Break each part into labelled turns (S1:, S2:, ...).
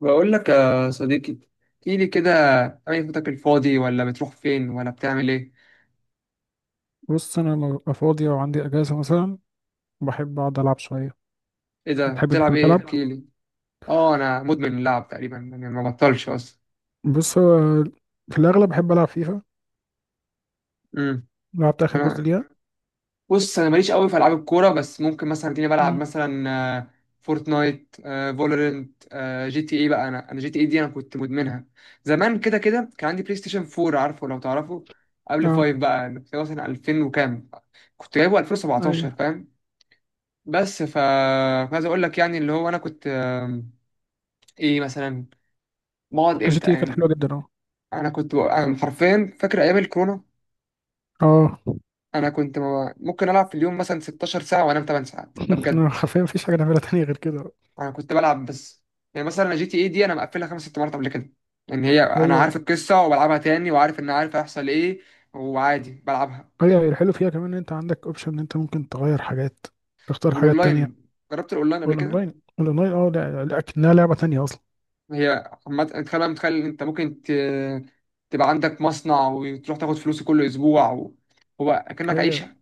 S1: بقول لك يا صديقي، احكي لي كده. اي وقتك الفاضي ولا بتروح فين ولا بتعمل ايه؟
S2: بص انا لو أبقى فاضي او عندي اجازه مثلا، بحب اقعد العب شويه.
S1: ايه ده،
S2: بتحب انت
S1: بتلعب
S2: كمان
S1: ايه؟
S2: تلعب؟
S1: احكي لي. اه، انا مدمن اللعب تقريبا، يعني ما بطلش اصلا.
S2: بص هو في الاغلب بحب العب فيفا.
S1: امم
S2: لعبت اخر جزء
S1: انا،
S2: ليها.
S1: بص انا ماليش قوي في العاب الكوره، بس ممكن مثلا تلاقيني بلعب
S2: مم.
S1: مثلا آه، فورتنايت، فالورنت، جي تي اي. بقى انا جي تي اي دي انا كنت مدمنها زمان كده كده. كان عندي بلاي ستيشن 4، عارفه؟ لو تعرفه، قبل
S2: اه.
S1: 5 بقى، اللي هو مثلا 2000 وكام. كنت جايبه
S2: ايوه،
S1: 2017، فاهم؟ بس عايز اقول لك، يعني اللي هو انا كنت ايه مثلا، بقعد
S2: جي
S1: امتى
S2: تي إيه كانت حلوه
S1: يعني.
S2: جدا اه.
S1: انا أنا حرفيا فاكر ايام الكورونا،
S2: اه.
S1: انا كنت ممكن العب في اليوم مثلا 16 ساعه وانام 8 ساعات، ده بجد.
S2: حرفيا مفيش حاجه نعملها تانية غير كده.
S1: انا كنت بلعب بس. يعني مثلا جي تي اي دي انا مقفلها خمس ست مرات قبل كده. يعني هي انا
S2: هي
S1: عارف القصه وبلعبها تاني وعارف ان عارف هيحصل ايه، وعادي بلعبها.
S2: هي الحلو فيها كمان ان انت عندك اوبشن ان انت ممكن تغير حاجات، تختار حاجات تانية.
S1: والاونلاين، جربت الاونلاين قبل كده؟
S2: والاونلاين الاونلاين اه لا، اكنها لعبه تانية اصلا.
S1: هي عامة، تخيل، متخيل إن انت تبقى عندك مصنع وتروح تاخد فلوسه كل اسبوع، و... هو كأنك
S2: هي
S1: عيشه،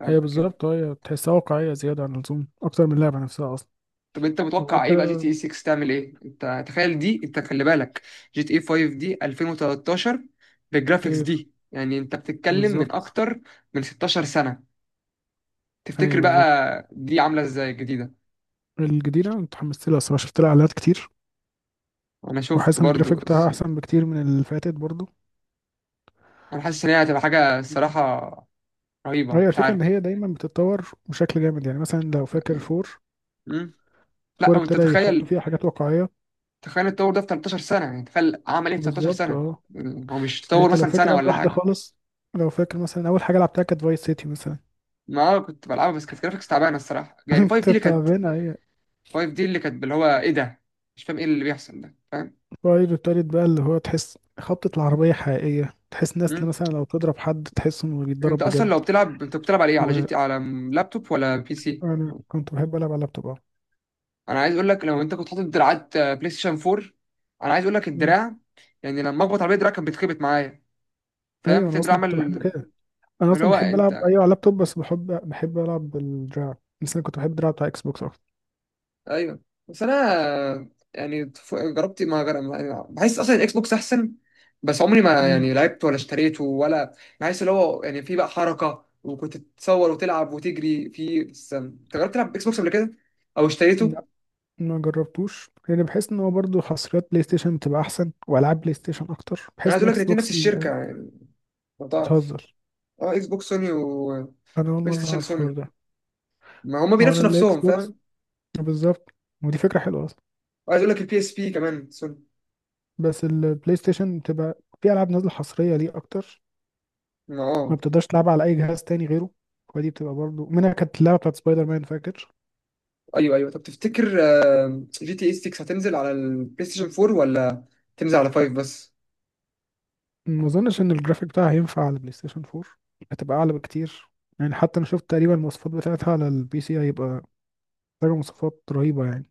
S1: فاهم؟
S2: هي بالظبط، هي تحسها واقعيه زياده عن اللزوم اكتر من اللعبه نفسها اصلا.
S1: طب انت
S2: وغير
S1: متوقع ايه بقى؟ جي تي اي
S2: كده.
S1: 6 تعمل ايه؟ انت تخيل، دي انت خلي بالك، جي تي اي 5 دي 2013، بالجرافيكس
S2: هي
S1: دي، يعني انت بتتكلم من
S2: بالظبط.
S1: اكتر من 16 سنة.
S2: ايوه
S1: تفتكر بقى
S2: بالظبط.
S1: دي عاملة ازاي الجديدة؟
S2: الجديدة أنا اتحمست لها الصراحة، شفت لها اعلانات كتير،
S1: انا شفت
S2: وحاسس ان
S1: برضو،
S2: الجرافيك بتاعها
S1: بس
S2: احسن بكتير من اللي فاتت برضه.
S1: انا حاسس ان هي هتبقى حاجة الصراحة رهيبة،
S2: هي
S1: مش
S2: الفكرة
S1: عارف.
S2: ان هي دايما بتتطور بشكل جامد، يعني مثلا لو فاكر فور،
S1: مم؟ لا
S2: فور
S1: وانت
S2: ابتدى يحطوا
S1: تخيل،
S2: فيها حاجات واقعية.
S1: تخيل التطور ده في 13 سنة، يعني تخيل عمل ايه في 13
S2: بالظبط
S1: سنة.
S2: اه.
S1: يعني هو مش
S2: يعني
S1: تطور
S2: انت لو
S1: مثلا
S2: فاكر
S1: سنة
S2: اول
S1: ولا
S2: واحدة
S1: حاجة.
S2: خالص، لو فاكر مثلا اول حاجة لعبتها كانت فايس سيتي مثلا.
S1: ما انا كنت بلعبها، بس كانت جرافيكس تعبانة الصراحة. يعني 5 دي
S2: كنت
S1: اللي كانت
S2: تعبانة هي.
S1: واقف، دي اللي كانت اللي هو ايه ده، مش فاهم ايه اللي بيحصل ده، فاهم؟
S2: فايس التالت بقى اللي هو تحس خبطة العربية حقيقية، تحس ناس
S1: مم.
S2: مثلا لو تضرب حد تحس انه بيتضرب
S1: انت اصلا
S2: بجد.
S1: لو بتلعب، انت بتلعب على ايه؟ على جي تي، على لابتوب ولا بي سي؟
S2: وانا كنت بحب العب على اللابتوب.
S1: انا عايز اقول لك، لو انت كنت حاطط دراعات بلاي ستيشن 4، انا عايز اقول لك
S2: اه.
S1: الدراع، يعني لما اخبط على الدراع كان بيتخبط معايا، فاهم
S2: ايوه انا
S1: الدراع
S2: اصلا كنت بحب
S1: عمل؟
S2: كده. انا
S1: اللي
S2: اصلا
S1: هو
S2: بحب
S1: انت،
S2: العب ايوه على اللابتوب، بس بحب العب بالدراع، بس انا كنت بحب الدراع بتاع اكس بوكس اكتر.
S1: ايوه، بس انا يعني جربت، ما جر... ما- يعني بحس اصلا الاكس بوكس احسن، بس عمري ما
S2: مم.
S1: يعني لعبت ولا اشتريته ولا. بحس اللي هو يعني في بقى حركه، وكنت تتصور وتلعب وتجري في. بس انت جربت تلعب اكس بوكس قبل كده او اشتريته؟
S2: لا، ما جربتوش لان بحس ان هو برضه حصريات بلاي ستيشن بتبقى احسن، والعاب بلاي ستيشن اكتر،
S1: انا
S2: بحس
S1: عايز
S2: ان
S1: اقول لك،
S2: اكس
S1: الاثنين
S2: بوكس
S1: نفس الشركه يعني، لو تعرف.
S2: بتهزر؟
S1: اه، اكس بوكس سوني،
S2: انا اول
S1: وبلاي
S2: مره
S1: ستيشن
S2: اعرف الحوار
S1: سوني،
S2: ده.
S1: ما هما
S2: هو انا
S1: بينافسوا
S2: الاكس
S1: نفسهم،
S2: بوكس،
S1: فاهم؟
S2: بالظبط، ودي فكره حلوه اصلا.
S1: وعايز اقول لك البي اس بي كمان سوني.
S2: بس البلاي ستيشن بتبقى في العاب نازله حصريه ليه اكتر،
S1: ما
S2: ما
S1: اه،
S2: بتقدرش تلعبها على اي جهاز تاني غيره، ودي بتبقى برضه منها كانت اللعبه بتاعت سبايدر مان فاكر.
S1: ايوه ايوه. طب تفتكر جي تي اي 6 هتنزل على البلاي ستيشن 4 ولا تنزل على 5 بس؟
S2: ما اظنش ان الجرافيك بتاعها هينفع على البلاي ستيشن 4، هتبقى اعلى بكتير. يعني حتى انا شفت تقريبا المواصفات بتاعتها على البي سي، هيبقى محتاجة مواصفات رهيبة يعني.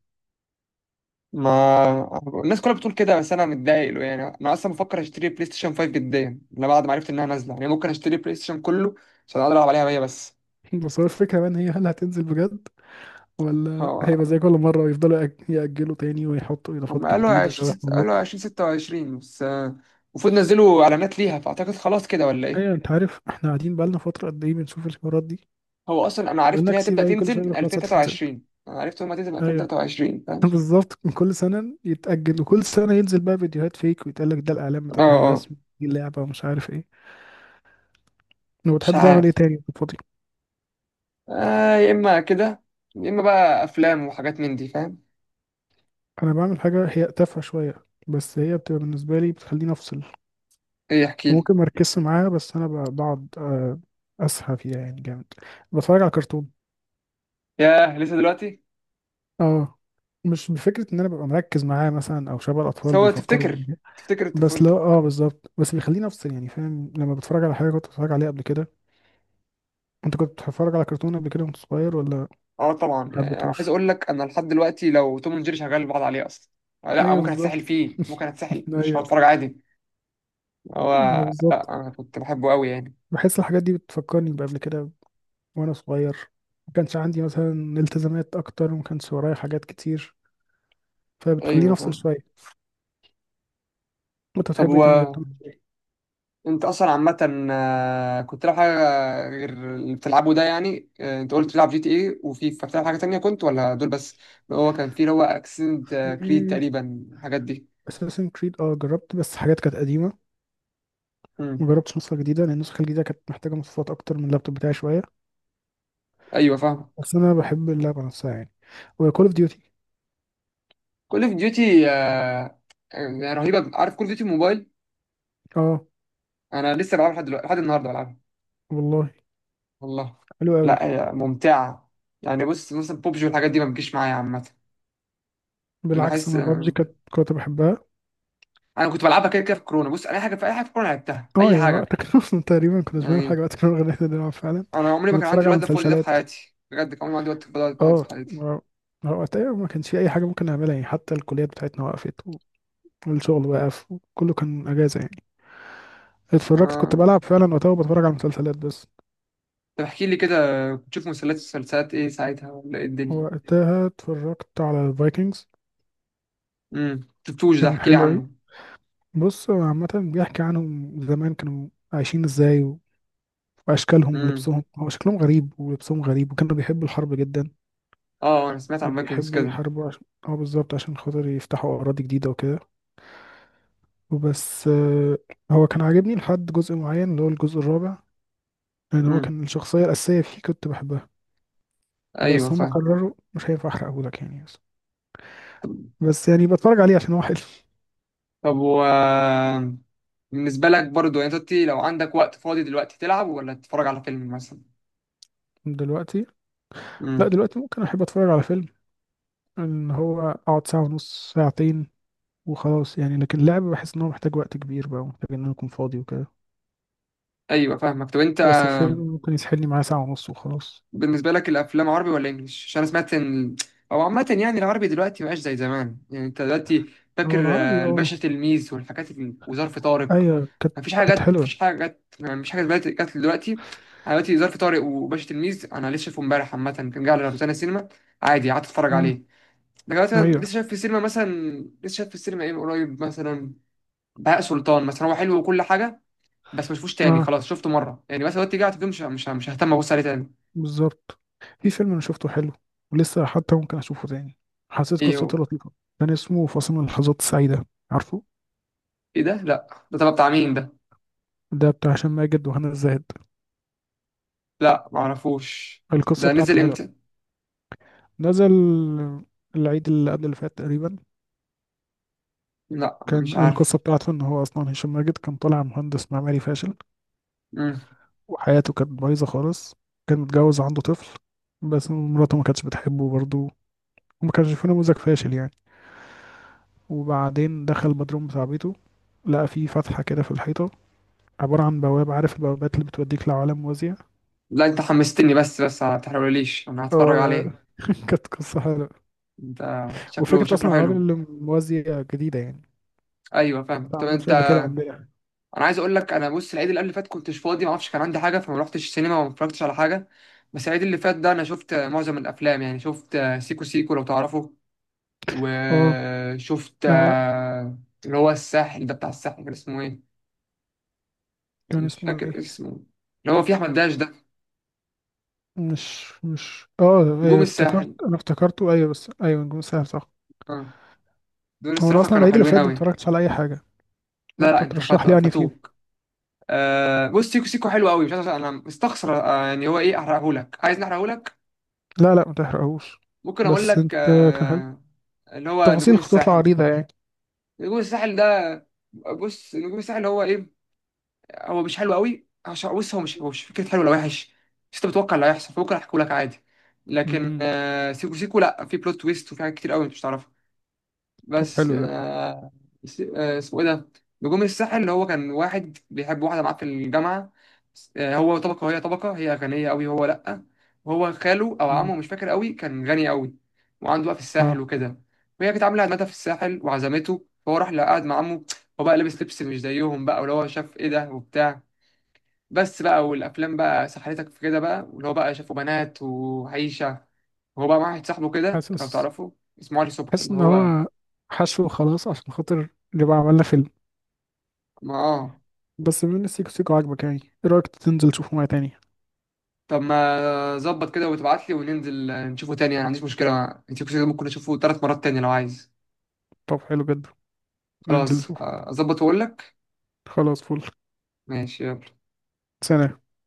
S1: ما الناس كلها بتقول كده، بس انا متضايق له. يعني انا اصلا بفكر اشتري بلاي ستيشن 5 جديا، انا بعد ما عرفت انها نازله يعني ممكن اشتري بلاي ستيشن كله عشان اقدر العب عليها هي بس.
S2: بس هو الفكرة بقى ان هي هل هتنزل بجد، ولا هيبقى
S1: هو-
S2: زي كل مرة ويفضلوا يأجلوا تاني ويحطوا
S1: هم
S2: إضافات
S1: قالوا
S2: جديدة وحوارات.
S1: قالوا 2026 بس، المفروض نزلوا اعلانات ليها، فاعتقد خلاص كده ولا ايه؟
S2: أيوة، أنت عارف احنا قاعدين بقالنا فترة قد إيه بنشوف الحوارات دي،
S1: هو اصلا انا عرفت
S2: بقالنا
S1: ان هي
S2: كتير
S1: تبدا
S2: أوي كل
S1: تنزل
S2: شوية
S1: من
S2: يقولوا خلاص هتنزل.
S1: 2023، انا عرفت ان هي تنزل من
S2: أيوة.
S1: 2023، فاهم؟
S2: بالظبط، من كل سنة يتأجل وكل سنة ينزل بقى فيديوهات فيك ويتقال لك ده الإعلان
S1: اه،
S2: بتاعها
S1: اه،
S2: الرسمي دي اللعبة ومش عارف إيه. لو
S1: مش
S2: بتحب تعمل إيه
S1: عارف.
S2: تاني؟
S1: يا اما كده، يا اما بقى افلام وحاجات من دي، فاهم؟
S2: انا بعمل حاجه هي تافهه شويه، بس هي بتبقى بالنسبه لي بتخليني افصل،
S1: ايه، احكي لي.
S2: وممكن ما اركزش معاها، بس انا بقعد اسهى فيها يعني جامد. بتفرج على كرتون.
S1: ياه، لسه دلوقتي؟
S2: اه. مش بفكره ان انا ببقى مركز معاه مثلا او شبه الاطفال
S1: سوى
S2: بيفكروا
S1: تفتكر،
S2: بيه.
S1: تفتكر
S2: بس
S1: طفولتك.
S2: لو اه بالظبط، بس بيخليني افصل يعني فاهم لما بتفرج على حاجه كنت بتفرج عليها قبل كده. انت كنت بتتفرج على كرتون قبل كده وانت صغير ولا؟
S1: اه طبعا،
S2: ما
S1: يعني انا عايز
S2: حبيتهوش.
S1: اقول لك انا لحد دلوقتي لو توم اند جيري شغال بقعد عليه اصلا. لا
S2: ايوه
S1: ممكن اتسحل
S2: بالظبط.
S1: فيه، ممكن اتسحل، مش
S2: ايوه.
S1: هتفرج عادي. هو،
S2: ما هو
S1: لا
S2: بالظبط.
S1: انا كنت بحبه قوي يعني.
S2: بحس الحاجات دي بتفكرني بقبل كده وانا صغير، ما كانش عندي مثلا التزامات اكتر وما كانش ورايا حاجات كتير، فبتخليني
S1: ايوه
S2: افصل
S1: فاهم.
S2: شويه. انت
S1: طب
S2: بتحب ايه تاني غير Tom and
S1: انت اصلا عامة، كنت تلعب حاجة غير اللي بتلعبه ده، يعني انت قلت بتلعب جي تي ايه، وفي بتلعب حاجة تانية كنت ولا دول بس؟ هو كان في اللي هو اكسنت كريد
S2: Jerry؟
S1: تقريبا الحاجات دي.
S2: اساسن كريد اه، جربت بس حاجات كانت قديمه، ما
S1: امم،
S2: جربتش نسخه جديده لان النسخه الجديده كانت محتاجه مواصفات اكتر من اللابتوب بتاعي شويه.
S1: ايوه فاهم.
S2: بس انا بحب اللعبه نفسها يعني. وكول اوف ديوتي.
S1: كل اوف ديوتي رهيبة، عارف كل اوف ديوتي موبايل؟
S2: اه.
S1: انا لسه بلعبها لحد دلوقتي، لحد النهاردة بلعبها.
S2: والله،
S1: والله.
S2: حلو قوي.
S1: لا هي ممتعة، يعني بص مثلا بوبجي والحاجات دي ما بتجيش معايا عامة.
S2: بالعكس
S1: بحس
S2: انا بابجي كانت كنت بحبها.
S1: انا كنت بلعبها كده كده في كورونا، بص اي حاجة، في اي حاجة في كورونا لعبتها،
S2: اه
S1: اي
S2: يا
S1: حاجة.
S2: وقتك. اصلا تقريبا كنت بعمل
S1: يعني
S2: حاجه وقت كنا بنلعب فعلا،
S1: انا عمري ما كان عندي
S2: ونتفرج على
S1: الوقت ده فاضي ده في
S2: مسلسلات.
S1: حياتي، بجد كان عمري ما عندي وقت فاضي ده في حياتي،
S2: اه
S1: في حياتي.
S2: ما هو وقتها ما كانش في اي حاجه ممكن نعملها يعني، حتى الكليات بتاعتنا وقفت والشغل وقف وكله كان اجازه يعني. اتفرجت، كنت
S1: ما...
S2: بلعب فعلا وقتها وبتفرج على مسلسلات بس.
S1: طب احكي لي كده، كنت بتشوف مسلسلات، ايه ساعتها ولا ايه الدنيا؟
S2: وقتها اتفرجت على الفايكنجز.
S1: امم، شفتوش ده،
S2: كان
S1: احكي لي
S2: حلو اوي.
S1: عنه.
S2: بص هو عامه بيحكي عنهم زمان كانوا عايشين ازاي واشكالهم
S1: امم،
S2: ولبسهم، هو شكلهم غريب ولبسهم غريب، وكانوا بيحبوا الحرب جدا.
S1: اه انا سمعت عن فايكنجز
S2: وبيحبوا
S1: كده.
S2: يحاربوا عشان اه بالظبط عشان خاطر يفتحوا اراضي جديده وكده. وبس هو كان عاجبني لحد جزء معين اللي هو الجزء الرابع، يعني هو
S1: امم،
S2: كان الشخصية الأساسية فيه كنت بحبها،
S1: ايوه
S2: بس هم
S1: فاهم.
S2: قرروا مش هينفع أحرقهولك يعني. بس يعني بتفرج عليه عشان هو حلو.
S1: طب بالنسبه لك برضو يعني دلوقتي لو عندك وقت فاضي دلوقتي، تلعب ولا تتفرج على فيلم مثلا؟
S2: دلوقتي؟ لا
S1: امم،
S2: دلوقتي ممكن أحب أتفرج على فيلم، إن هو أقعد ساعة ونص ساعتين وخلاص يعني، لكن اللعب بحس إن هو محتاج وقت كبير بقى ومحتاج إن أنا أكون فاضي وكده.
S1: ايوه فاهمك. طب انت
S2: بس الفيلم ممكن يسحلني معاه ساعة ونص وخلاص.
S1: بالنسبة لك الأفلام عربي ولا إنجليش؟ عشان أنا سمعت إن، أو عامة يعني العربي دلوقتي مبقاش زي زمان. يعني أنت دلوقتي فاكر
S2: هو العربي
S1: الباشا
S2: أه،
S1: تلميذ والحاجات وظرف طارق.
S2: أيوة كانت،
S1: مفيش حاجة
S2: كانت
S1: جت، مفيش
S2: حلوة.
S1: حاجة جت، مفيش حاجة دلوقتي جت دلوقتي. أنا دلوقتي ظرف طارق وباشا تلميذ، أنا لسه شايفه إمبارح، عامة كان جاي على روتانا سينما، عادي قعدت أتفرج
S2: مم.
S1: عليه. لكن مثلا لسه
S2: أيوة.
S1: شايف في السينما مثلا، لسه شايف في السينما إيه من قريب مثلا؟ بهاء سلطان مثلا، هو حلو وكل حاجة، بس مشفوش تاني،
S2: أه
S1: خلاص شفته مرة، يعني مثلا دلوقتي قاعد فيه مش ههتم أبص عليه تاني.
S2: بالظبط. في فيلم انا شفته حلو، ولسه حتى ممكن اشوفه تاني، حسيت
S1: إيه هو؟
S2: قصته لطيفه. كان اسمه فاصل من اللحظات السعيده، عارفه؟
S1: ايه ده، لا ده تبع بتاع مين ده؟
S2: ده بتاع هشام ماجد وهنا الزاهد.
S1: لا معرفوش.
S2: القصه
S1: ده
S2: بتاعته
S1: نزل
S2: حلوه.
S1: امتى؟
S2: نزل العيد اللي قبل اللي فات تقريبا.
S1: لا مش
S2: كان القصه
S1: عارف.
S2: بتاعته ان هو اصلا هشام ماجد كان طالع مهندس معماري فاشل،
S1: مم.
S2: وحياته كانت بايظه خالص، كان متجوز عنده طفل، بس مراته ما كانتش بتحبه برضه، وما كانش في نموذج فاشل يعني. وبعدين دخل البدروم بتاع بيته، لقى فيه فتحة كده في الحيطة، عبارة عن بوابة، عارف البوابات اللي بتوديك لعوالم موازية.
S1: لا انت حمستني، بس ما تحرقليش، انا
S2: اه
S1: هتفرج عليه.
S2: كانت قصة حلوة،
S1: انت شكله
S2: وفكرة
S1: شكله
S2: أصلا العوالم
S1: حلو.
S2: اللي موازية جديدة يعني،
S1: ايوه
S2: ما
S1: فاهم. طب
S2: اتعملتش
S1: انت،
S2: قبل كده عندنا.
S1: انا عايز اقول لك، انا بص العيد اللي قبل اللي فات كنتش فاضي، ما اعرفش كان عندي حاجه، فما رحتش السينما وما اتفرجتش على حاجه. بس العيد اللي فات ده انا شفت معظم الافلام، يعني شفت سيكو سيكو لو تعرفه،
S2: اه.
S1: وشفت
S2: آه،
S1: اللي هو الساحل ده، بتاع الساحل كان اسمه ايه،
S2: كان
S1: مش
S2: اسمه
S1: فاكر
S2: ايه؟
S1: اسمه، اللي هو فيه احمد داش ده.
S2: مش مش اه
S1: نجوم
S2: إيه، افتكرت،
S1: الساحل.
S2: انا افتكرته ايوه، بس ايوه نجوم الساحل صح.
S1: اه، دول
S2: هو انا
S1: الصراحه
S2: اصلا
S1: كانوا
S2: العيد اللي
S1: حلوين
S2: فات ده ما
S1: قوي.
S2: اتفرجتش على اي حاجة،
S1: لا لا،
S2: فانت
S1: انت
S2: ترشح لي يعني فيه؟
S1: فاتوك. آه بص، سيكو سيكو حلو قوي، مش عارف، انا مستخسر آه، يعني هو ايه احرقهولك، عايز نحرقهولك؟
S2: لا لا ما تحرقهوش.
S1: ممكن اقول
S2: بس
S1: لك
S2: انت، كان حلو،
S1: آه. اللي هو
S2: التفاصيل
S1: نجوم
S2: هتطلع
S1: الساحل،
S2: عريضة يعني.
S1: نجوم الساحل ده، بص نجوم الساحل هو ايه؟ هو مش حلو قوي عشان بص، هو مش، هو مش فكره حلو ولا وحش، بس انت بتتوقع اللي هيحصل، فممكن احكيه لك عادي. لكن
S2: امم.
S1: آه سيكو سيكو لا، في بلوت تويست وفي حاجات كتير قوي انت مش تعرفها.
S2: طب
S1: بس
S2: حلو ده.
S1: اسمه ايه ده، نجوم الساحل. اللي هو كان واحد بيحب واحده معاه في الجامعه. هو طبقه وهي طبقه، هي غنيه قوي، هو لا. وهو خاله او
S2: مم.
S1: عمه مش فاكر قوي كان غني قوي، وعنده بقى في الساحل
S2: اه.
S1: وكده. وهي كانت عامله عزمتها في الساحل وعزمته، فهو راح قعد مع عمه. هو بقى لابس لبس مش زيهم بقى، واللي هو شاف ايه ده وبتاع، بس بقى والافلام بقى سحلتك في كده بقى، واللي هو بقى شافوا بنات وعيشه، وهو بقى مع واحد صاحبه كده لو
S2: حاسس
S1: تعرفه، اسمه علي صبحي،
S2: حاسس
S1: اللي
S2: ان
S1: هو
S2: هو حشو خلاص عشان خاطر نبقى عملنا فيلم.
S1: ما اه.
S2: بس بما ان سيكو سيكو عاجبك، يعني ايه رايك تنزل تشوفه معايا تاني؟
S1: طب ما ظبط كده وتبعت لي وننزل نشوفه تاني، انا ما عنديش مشكلة، انت كده ممكن اشوفه 3 مرات تاني لو عايز.
S2: طب حلو جدا. ننزل
S1: خلاص،
S2: نشوفه.
S1: اظبط واقول لك.
S2: خلاص فل.
S1: ماشي، يلا.
S2: سلام.